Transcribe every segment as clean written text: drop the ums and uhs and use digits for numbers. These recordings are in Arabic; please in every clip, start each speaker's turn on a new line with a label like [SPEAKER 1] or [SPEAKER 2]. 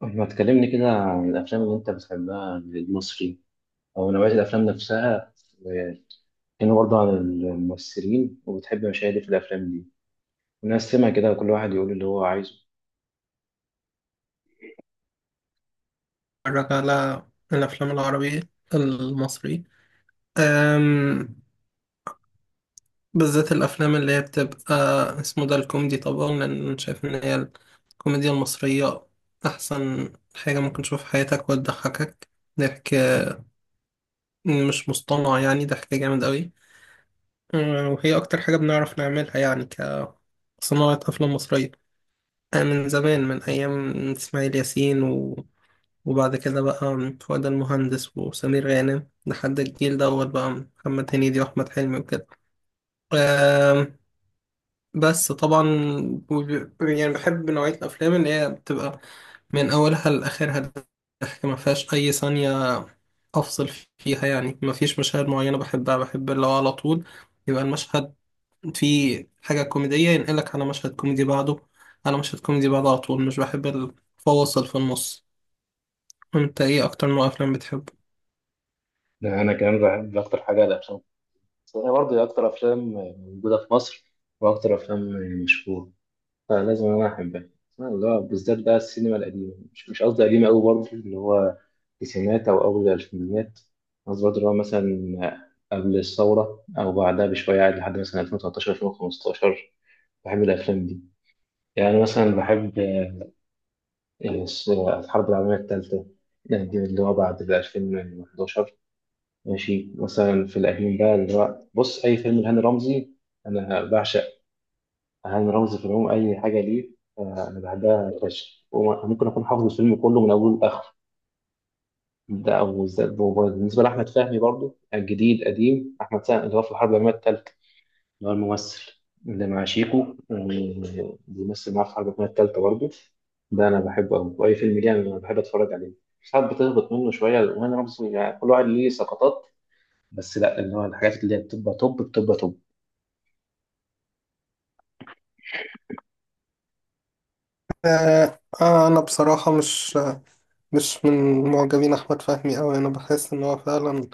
[SPEAKER 1] ما تكلمني كده عن الأفلام اللي أنت بتحبها المصري، أو نوعية الأفلام نفسها، وكانوا برضه عن الممثلين، وبتحب مشاهد إيه في الأفلام دي، ونقسمها كده كل واحد يقول اللي هو عايزه.
[SPEAKER 2] اتفرج على الافلام العربية المصري، أم بالذات الافلام اللي هي بتبقى اسمه ده الكوميدي طبعا، لان أنا شايف ان هي الكوميديا المصرية احسن حاجة ممكن تشوفها في حياتك وتضحكك ضحك مش مصطنع، يعني ضحك جامد قوي. وهي اكتر حاجة بنعرف نعملها يعني كصناعة افلام مصرية. من زمان، من ايام اسماعيل ياسين، وبعد كده بقى فؤاد المهندس وسمير غانم لحد الجيل دوت بقى محمد هنيدي وأحمد حلمي وكده. آم، بس طبعا، يعني بحب نوعية الأفلام اللي هي بتبقى من أولها لآخرها ضحك، ما فيهاش أي ثانية أفصل فيها، يعني ما فيش مشاهد معينة بحبها، بحب اللي هو على طول يبقى المشهد فيه حاجة كوميدية ينقلك على مشهد كوميدي بعده، على مشهد كوميدي بعده على طول. مش بحب الفواصل في النص. انت ايه اكتر نوع افلام بتحبه؟
[SPEAKER 1] أنا كمان بحب أكتر حاجة الأفلام، أنا برضه أكتر أفلام موجودة في مصر، وأكتر أفلام مشهورة، فلازم انا احبها. اسمها اللي هو بالذات بقى السينما القديمه، مش قصدي قديمه قوي، برضه اللي هو التسعينات او اول الالفينيات. قصدي برضه اللي هو مثلا قبل الثوره او بعدها بشويه عادي، لحد مثلا 2013 2015 بحب الافلام دي. يعني مثلا بحب الحرب العالميه الثالثه دي، اللي هو بعد ال 2011. ماشي، مثلا في القديم بقى اللي هو بص اي فيلم لهاني رمزي، انا بعشق أهم رمز في العموم أي حاجة ليه. أنا بحبها فشخ، وممكن أكون حافظ الفيلم كله من أوله لآخره. ده أو ذات بموبايل بالنسبة لأحمد فهمي برضو، الجديد قديم، أحمد فهمي اللي هو في الحرب العالمية التالتة، اللي هو الممثل اللي مع شيكو، بيمثل معاه في الحرب العالمية التالتة برضو. ده أنا بحبه أوي، وأي فيلم ليه أنا بحب أتفرج عليه. ساعات بتهبط منه شوية، وأنا رمز يعني كل واحد ليه سقطات، بس لا اللي هو الحاجات اللي هي بتبقى توب بتبقى توب.
[SPEAKER 2] أنا بصراحة مش مش من معجبين أحمد فهمي أوي، أنا بحس إن هو فعلا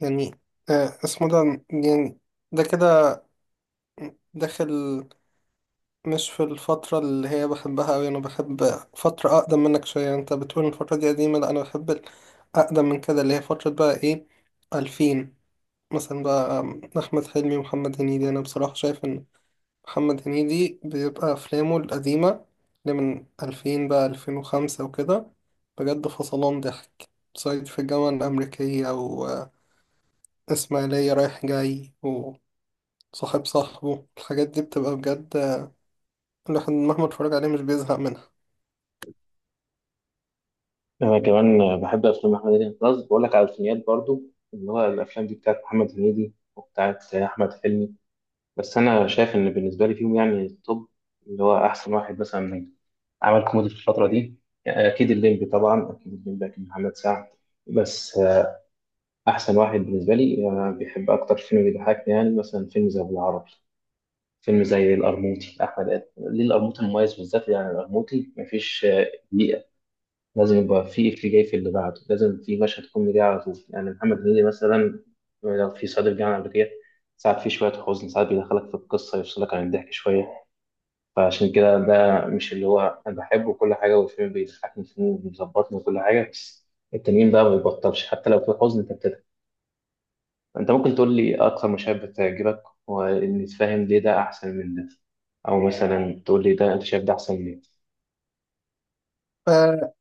[SPEAKER 2] يعني اسمه ده يعني ده كده داخل، مش في الفترة اللي هي بحبها أوي. أنا بحب فترة أقدم منك شوية. أنت بتقول إن الفترة دي قديمة، لأ أنا بحب أقدم من كده، اللي هي فترة بقى إيه، 2000 مثلا. بقى أحمد حلمي ومحمد هنيدي، أنا بصراحة شايف إن محمد هنيدي بيبقى أفلامه القديمة اللي من 2000 بقى 2005 وكده بجد فصلان ضحك. صعيدي في الجامعة الأمريكية، وإسماعيلية رايح جاي، وصاحب صاحبه، الحاجات دي بتبقى بجد الواحد مهما اتفرج عليه مش بيزهق منها.
[SPEAKER 1] انا كمان بحب افلام محمد هنيدي، خلاص بقول لك على الفينيات برضو، اللي هو الافلام دي بتاعت محمد هنيدي وبتاعت احمد حلمي. بس انا شايف ان بالنسبه لي فيهم، يعني التوب، اللي هو احسن واحد مثلا عمل كوميدي في الفتره دي، اكيد الليمبي طبعا، اكيد الليمبي، اكيد محمد سعد. بس احسن واحد بالنسبه لي، بيحب اكتر فيلم بيضحكني، يعني مثلا فيلم زي ابو العربي، فيلم زي القرموطي، احمد ادم ليه، القرموطي المميز بالذات. يعني القرموطي مفيش، لازم يبقى في إفيه جاي في اللي بعده، لازم في مشهد كوميدي على طول. يعني محمد هنيدي مثلا، لو في صعيدي في الجامعة الأمريكية، ساعات في شوية حزن، ساعات بيدخلك في القصة، يفصلك عن الضحك شوية، فعشان كده ده مش اللي هو أنا بحبه. كل حاجة والفيلم بيضحكني، والفيلم بيظبطني وكل حاجة، بس التنين بقى ما بيبطلش، حتى لو في حزن أنت بتضحك. أنت ممكن تقول لي أكتر مشاهد بتعجبك، وإني تفهم ليه ده أحسن من ده، أو مثلا تقول لي ده أنت شايف ده أحسن من.
[SPEAKER 2] آه،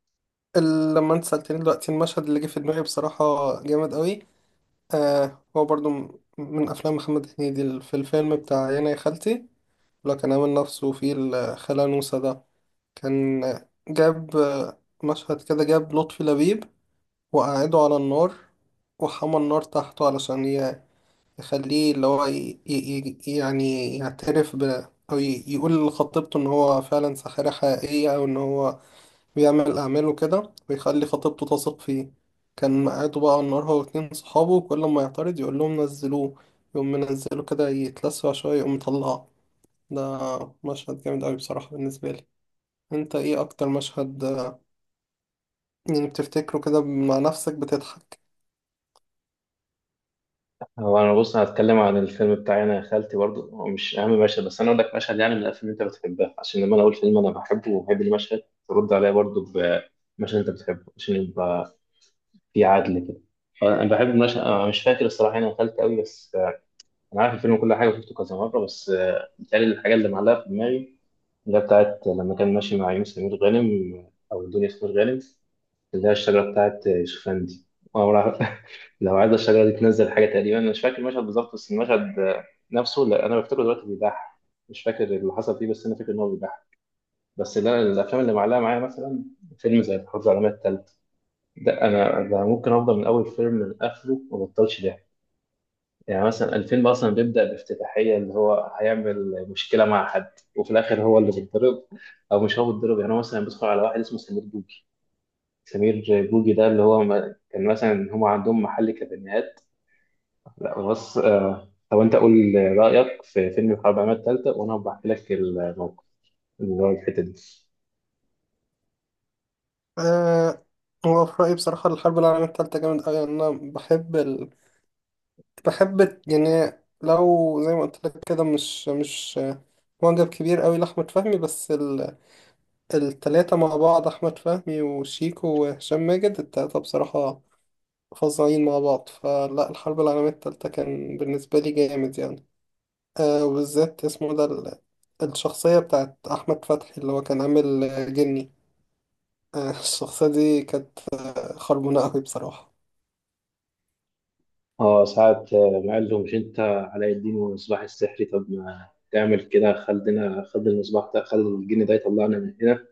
[SPEAKER 2] لما انت سألتني دلوقتي المشهد اللي جه في دماغي بصراحة جامد قوي. آه، هو برضو من أفلام محمد هنيدي، في الفيلم بتاع يانا يا خالتي لو كان عامل نفسه في الخالة نوسة ده، كان جاب مشهد كده، جاب لطفي لبيب وقعده على النار وحمى النار تحته علشان يخليه اللي هو يعني يعترف ب، أو يقول لخطيبته إن هو فعلا ساحرة حقيقية، أو إن هو بيعمل أعماله كده ويخلي خطيبته تثق فيه. كان قاعده بقى على النار هو واتنين صحابه، وكل ما يعترض يقول لهم نزلوه، يقوم منزله كده يتلسع شوية يقوم مطلعه. ده مشهد جامد أوي بصراحة بالنسبة لي. انت ايه اكتر مشهد يعني بتفتكره كده مع نفسك بتضحك؟
[SPEAKER 1] هو انا بص هتكلم عن الفيلم بتاعي انا يا خالتي برضو، هو مش اهم مشهد، بس انا اقول لك مشهد يعني من الافلام اللي انت بتحبها، عشان لما انا اقول فيلم انا بحبه وبحب المشهد، ترد عليا برضو بمشهد انت بتحبه، عشان يبقى في عدل كده. انا بحب المشهد، انا مش فاكر الصراحه انا يا خالتي قوي، بس انا عارف الفيلم كل حاجه وشفته كذا مره. بس بيتهيألي الحاجه اللي معلقه في دماغي، اللي هي بتاعت لما كان ماشي مع يونس سمير غانم، او الدنيا سمير غانم، اللي هي الشجرة بتاعت شوفان دي. أول واحد- لو عايز الشجرة دي تنزل حاجة، تقريبا أنا مش فاكر المشهد بالظبط، بس المشهد نفسه لا، أنا بفتكره دلوقتي بيضحك. مش فاكر اللي حصل فيه، بس أنا فاكر إن هو بيضحك. بس لا، الأفلام اللي معلقة معايا مثلا فيلم زي الحرب العالمية التالتة، ده أنا ده ممكن أفضل من أول فيلم لآخره ما بطلش ضحك. يعني مثلا الفيلم أصلا بيبدأ بافتتاحية، اللي هو هيعمل مشكلة مع حد، وفي الآخر هو اللي بيتضرب، أو مش هو بيتضرب. يعني هو مثلا بيدخل على واحد اسمه سمير بوجي، سمير بوجي ده اللي هو كان مثلا هم عندهم محل كابينات. لا بص، طب انت قول رايك في فيلم الحرب العالميه الثالثه، وانا بحكي لك الموقف اللي هو الحته دي.
[SPEAKER 2] أه، هو في رأيي بصراحة الحرب العالمية التالتة جامد أوي، يعني أنا بحب بحب يعني، لو زي ما قلت لك كده، مش معجب كبير أوي لأحمد فهمي، بس التلاتة مع بعض، أحمد فهمي وشيكو وهشام ماجد، التلاتة بصراحة فظيعين مع بعض، فلا الحرب العالمية التالتة كان بالنسبة لي جامد يعني. أه، وبالذات اسمه ده الشخصية بتاعت أحمد فتحي اللي هو كان عامل جني، الشخصية دي كانت خربونة أوي بصراحة.
[SPEAKER 1] اه ساعة، ما قال له مش انت علاء الدين والمصباح السحري، طب ما تعمل كده، خلينا خد المصباح ده، خد الجن ده يطلعنا من هنا.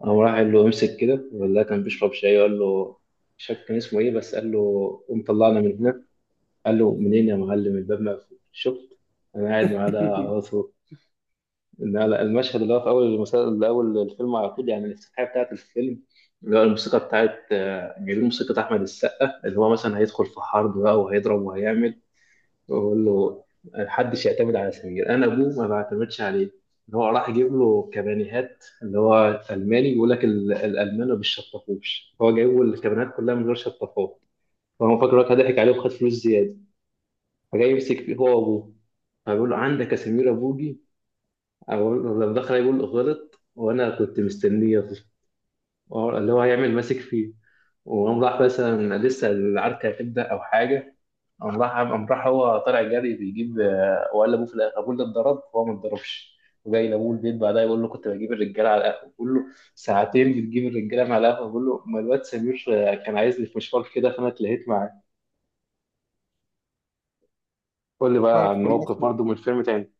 [SPEAKER 1] قام راح قال له امسك كده، ولا كان بيشرب شاي قال له، مش فاكر كان اسمه ايه، بس قال له قوم طلعنا من هنا. قال له منين يا معلم، الباب مقفول، شفت انا قاعد معاه ده. لا لا، المشهد اللي هو في اول المسلسل، اللي اول الفيلم على طول، يعني الافتتاحيه بتاعت الفيلم، اللي هو الموسيقى بتاعت جايبين موسيقى احمد السقا، اللي هو مثلا هيدخل في حرب بقى، وهيضرب وهيعمل، ويقول له محدش يعتمد على سمير، انا ابوه ما بعتمدش عليه. اللي هو راح يجيب له كبانيهات، اللي هو الماني، بيقول لك الالمان ما بيشطفوش، هو جايب له الكبانيهات كلها من غير شطافات. فهو فاكر إن هو ضحك عليه وخد فلوس زياده، فجاي يمسك فيه هو وابوه. فبيقول له عندك يا سمير ابوجي، أقول- لما دخل يقول غلط، وانا كنت مستنيه يغلط. اللي هو هيعمل ماسك فيه، وقام راح مثلا لسه العركه هتبدا او حاجه، قام راح هو طالع جري بيجيب، وقال لابوه في الاخر ابوه اللي اتضرب وهو ما اتضربش. وجاي لابوه البيت بعدها يقول له كنت بجيب الرجاله على القهوه، بيقول له ساعتين بتجيب الرجاله مع القهوه، بيقول له ما الواد سمير كان عايزني في مشوار كده فانا اتلهيت معاه. قول لي بقى عن
[SPEAKER 2] عارف
[SPEAKER 1] موقف
[SPEAKER 2] المشهد،
[SPEAKER 1] برضه من الفيلم تاني.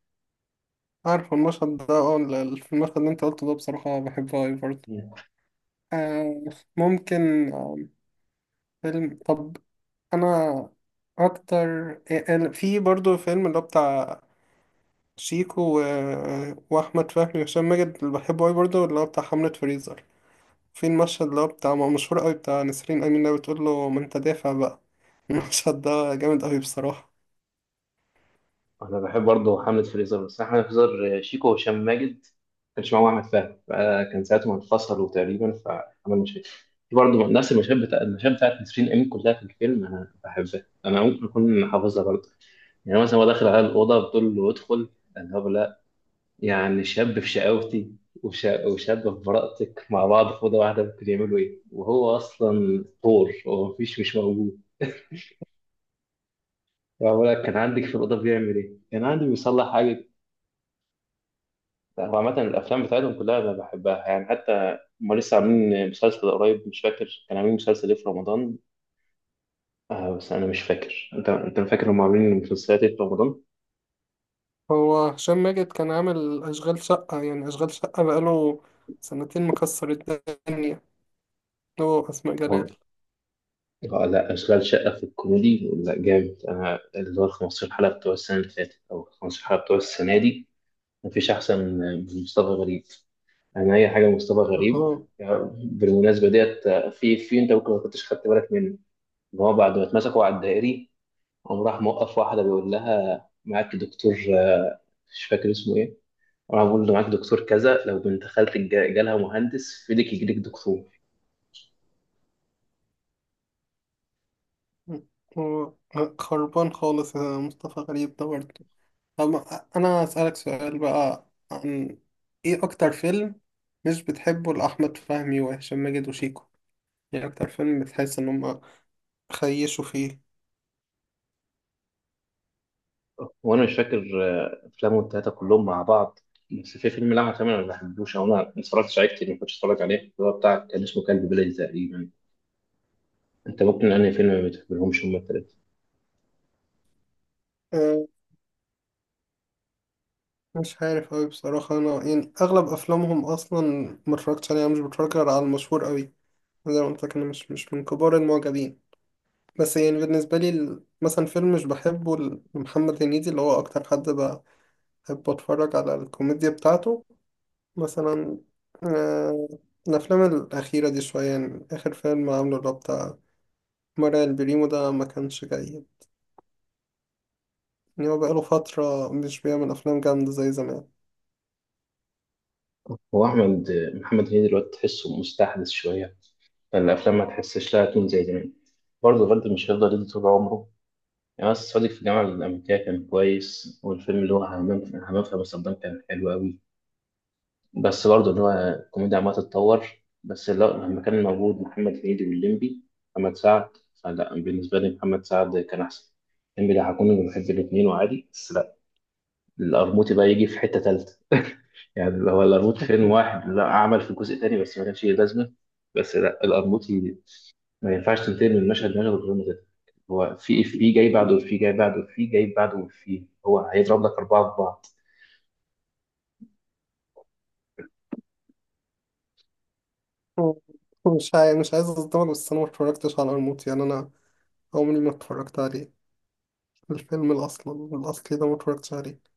[SPEAKER 2] عارف المشهد ده اه المشهد اللي انت قلته ده بصراحة بحبه أوي برضه. آه، ممكن فيلم، طب أنا أكتر في برضه فيلم اللي هو بتاع شيكو و... آه، وأحمد فهمي وهشام ماجد اللي بحبه أوي برضه، اللي هو بتاع حملة فريزر. في المشهد اللي هو بتاع، ما هو مشهور أوي بتاع نسرين أمين اللي بتقول له ما أنت دافع بقى. المشهد ده جامد أوي بصراحة.
[SPEAKER 1] انا بحب برضه حملة فريزر، بس أنا حملة فريزر شيكو وهشام ماجد، ما كانش معاهم احمد فهمي، فكان ساعتهم انفصلوا تقريبا، فعمل مشاكل. في برضه نفس المشاهد بتاع المشاهد بتاعت نسرين امين، كلها في الفيلم انا بحبها، انا ممكن اكون حافظها برضه. يعني مثلا هو داخل على الاوضه، بتقول له ادخل، قال له لا، يعني شاب في شقاوتي وشاب في براءتك مع بعض في اوضه واحده، ممكن يعملوا ايه، وهو اصلا طور، هو مفيش مش موجود. فبقول لك كان عندك في الاوضه بيعمل ايه، كان عندي بيصلح حاجه. لا، هو عامة الأفلام بتاعتهم كلها أنا بحبها. يعني حتى هما لسه عاملين مسلسل قريب، مش فاكر كانوا عاملين مسلسل إيه في رمضان. آه بس أنا مش فاكر، أنت فاكر هما عاملين مسلسلات إيه في رمضان؟
[SPEAKER 2] هو هشام ماجد كان عامل أشغال شقة، يعني أشغال شقة بقاله سنتين مكسر الدنيا. هو أسماء
[SPEAKER 1] هو
[SPEAKER 2] جلال.
[SPEAKER 1] آه لا، أشغال شقة في الكوميدي لا جامد، أنا اللي هو ال 15 حلقة بتوع السنة اللي فاتت، أو 15 حلقة بتوع السنة دي، مفيش أحسن من مصطفى غريب، أنا أي حاجة مصطفى غريب
[SPEAKER 2] هو
[SPEAKER 1] يعني. بالمناسبة ديت، في أنت ممكن ما كنتش خدت بالك منه، إن هو بعد ما اتمسكوا على الدائري، قام راح موقف واحدة بيقول لها معاك دكتور آه، مش فاكر اسمه ايه، راح بيقول له معاك دكتور كذا، لو بنت خالتك جالها مهندس في ايدك يجيلك دكتور.
[SPEAKER 2] هو خربان خالص يا مصطفى غريب ده برضه. طب أنا أسألك سؤال بقى، عن إيه أكتر فيلم مش بتحبه لأحمد فهمي وهشام ماجد وشيكو، يعني أكتر فيلم بتحس إن هما خيشوا فيه؟
[SPEAKER 1] وانا مش فاكر، افلامهم التلاتة كلهم مع بعض، بس في فيلم لعبة تمام انا ما بحبوش، او انا ما اتفرجتش عليه كتير، ما كنتش اتفرج عليه، اللي هو بتاع كان اسمه كلب بلد تقريبا. انت ممكن انهي فيلم ما بتحبلهمش هما التلاتة.
[SPEAKER 2] أه، مش عارف أوي بصراحة، أنا يعني أغلب أفلامهم أصلا متفرجتش عليها، مش بتفرج غير على المشهور أوي. زي ما قلت لك، أنا مش من كبار المعجبين. بس يعني بالنسبة لي، مثلا فيلم مش بحبه لمحمد هنيدي اللي هو أكتر حد بحب أتفرج على الكوميديا بتاعته، مثلا آه، الأفلام الأخيرة دي شوية، يعني آخر فيلم عامله اللي هو بتاع مرعي البريمو ده ما كانش جيد. يعني هو بقاله فترة مش بيعمل أفلام جامدة زي زمان.
[SPEAKER 1] هو احمد محمد هنيدي دلوقتي تحسه مستحدث شوية، فالافلام ما تحسش لها تون زي زمان، برضه الغد مش هيفضل يدي طول عمره يعني. بس صديق في الجامعة الأمريكية كان كويس، والفيلم اللي هو همام في أمستردام كان حلو أوي، بس برضه اللي هو الكوميديا عمالة تتطور. بس لا، لما كان موجود محمد هنيدي والليمبي محمد سعد، فلا بالنسبة لي محمد سعد كان أحسن، الليمبي ده هكون بحب الاتنين وعادي، بس لا القرموطي بقى يجي في حتة تالتة. يعني هو القرموطي فيلم واحد، لا عمل في جزء تاني بس ما كانش ليه لازمة. بس لا القرموطي ما ينفعش تنتهي من مشهد لمشهد غير متتر، هو في إيه؟ في جاي بعده، في جاي بعده، في جاي بعده، في هو هيضرب لك أربعة في بعض.
[SPEAKER 2] مش عايز أصدمك، بس أنا متفرجتش على الموت، يعني أنا عمري ما اتفرجت عليه، الفيلم الأصل الأصلي ده متفرجتش عليه.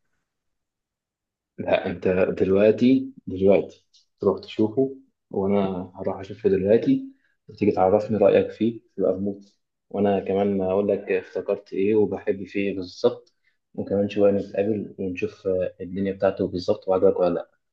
[SPEAKER 1] لا أنت دلوقتي تروح تشوفه، وأنا هروح أشوفه دلوقتي، وتيجي تعرفني رأيك فيه يبقى بموت، وأنا كمان أقول لك افتكرت إيه وبحب فيه إيه بالظبط، وكمان شوية نتقابل ونشوف الدنيا بتاعته بالظبط وعجبك ولا لأ.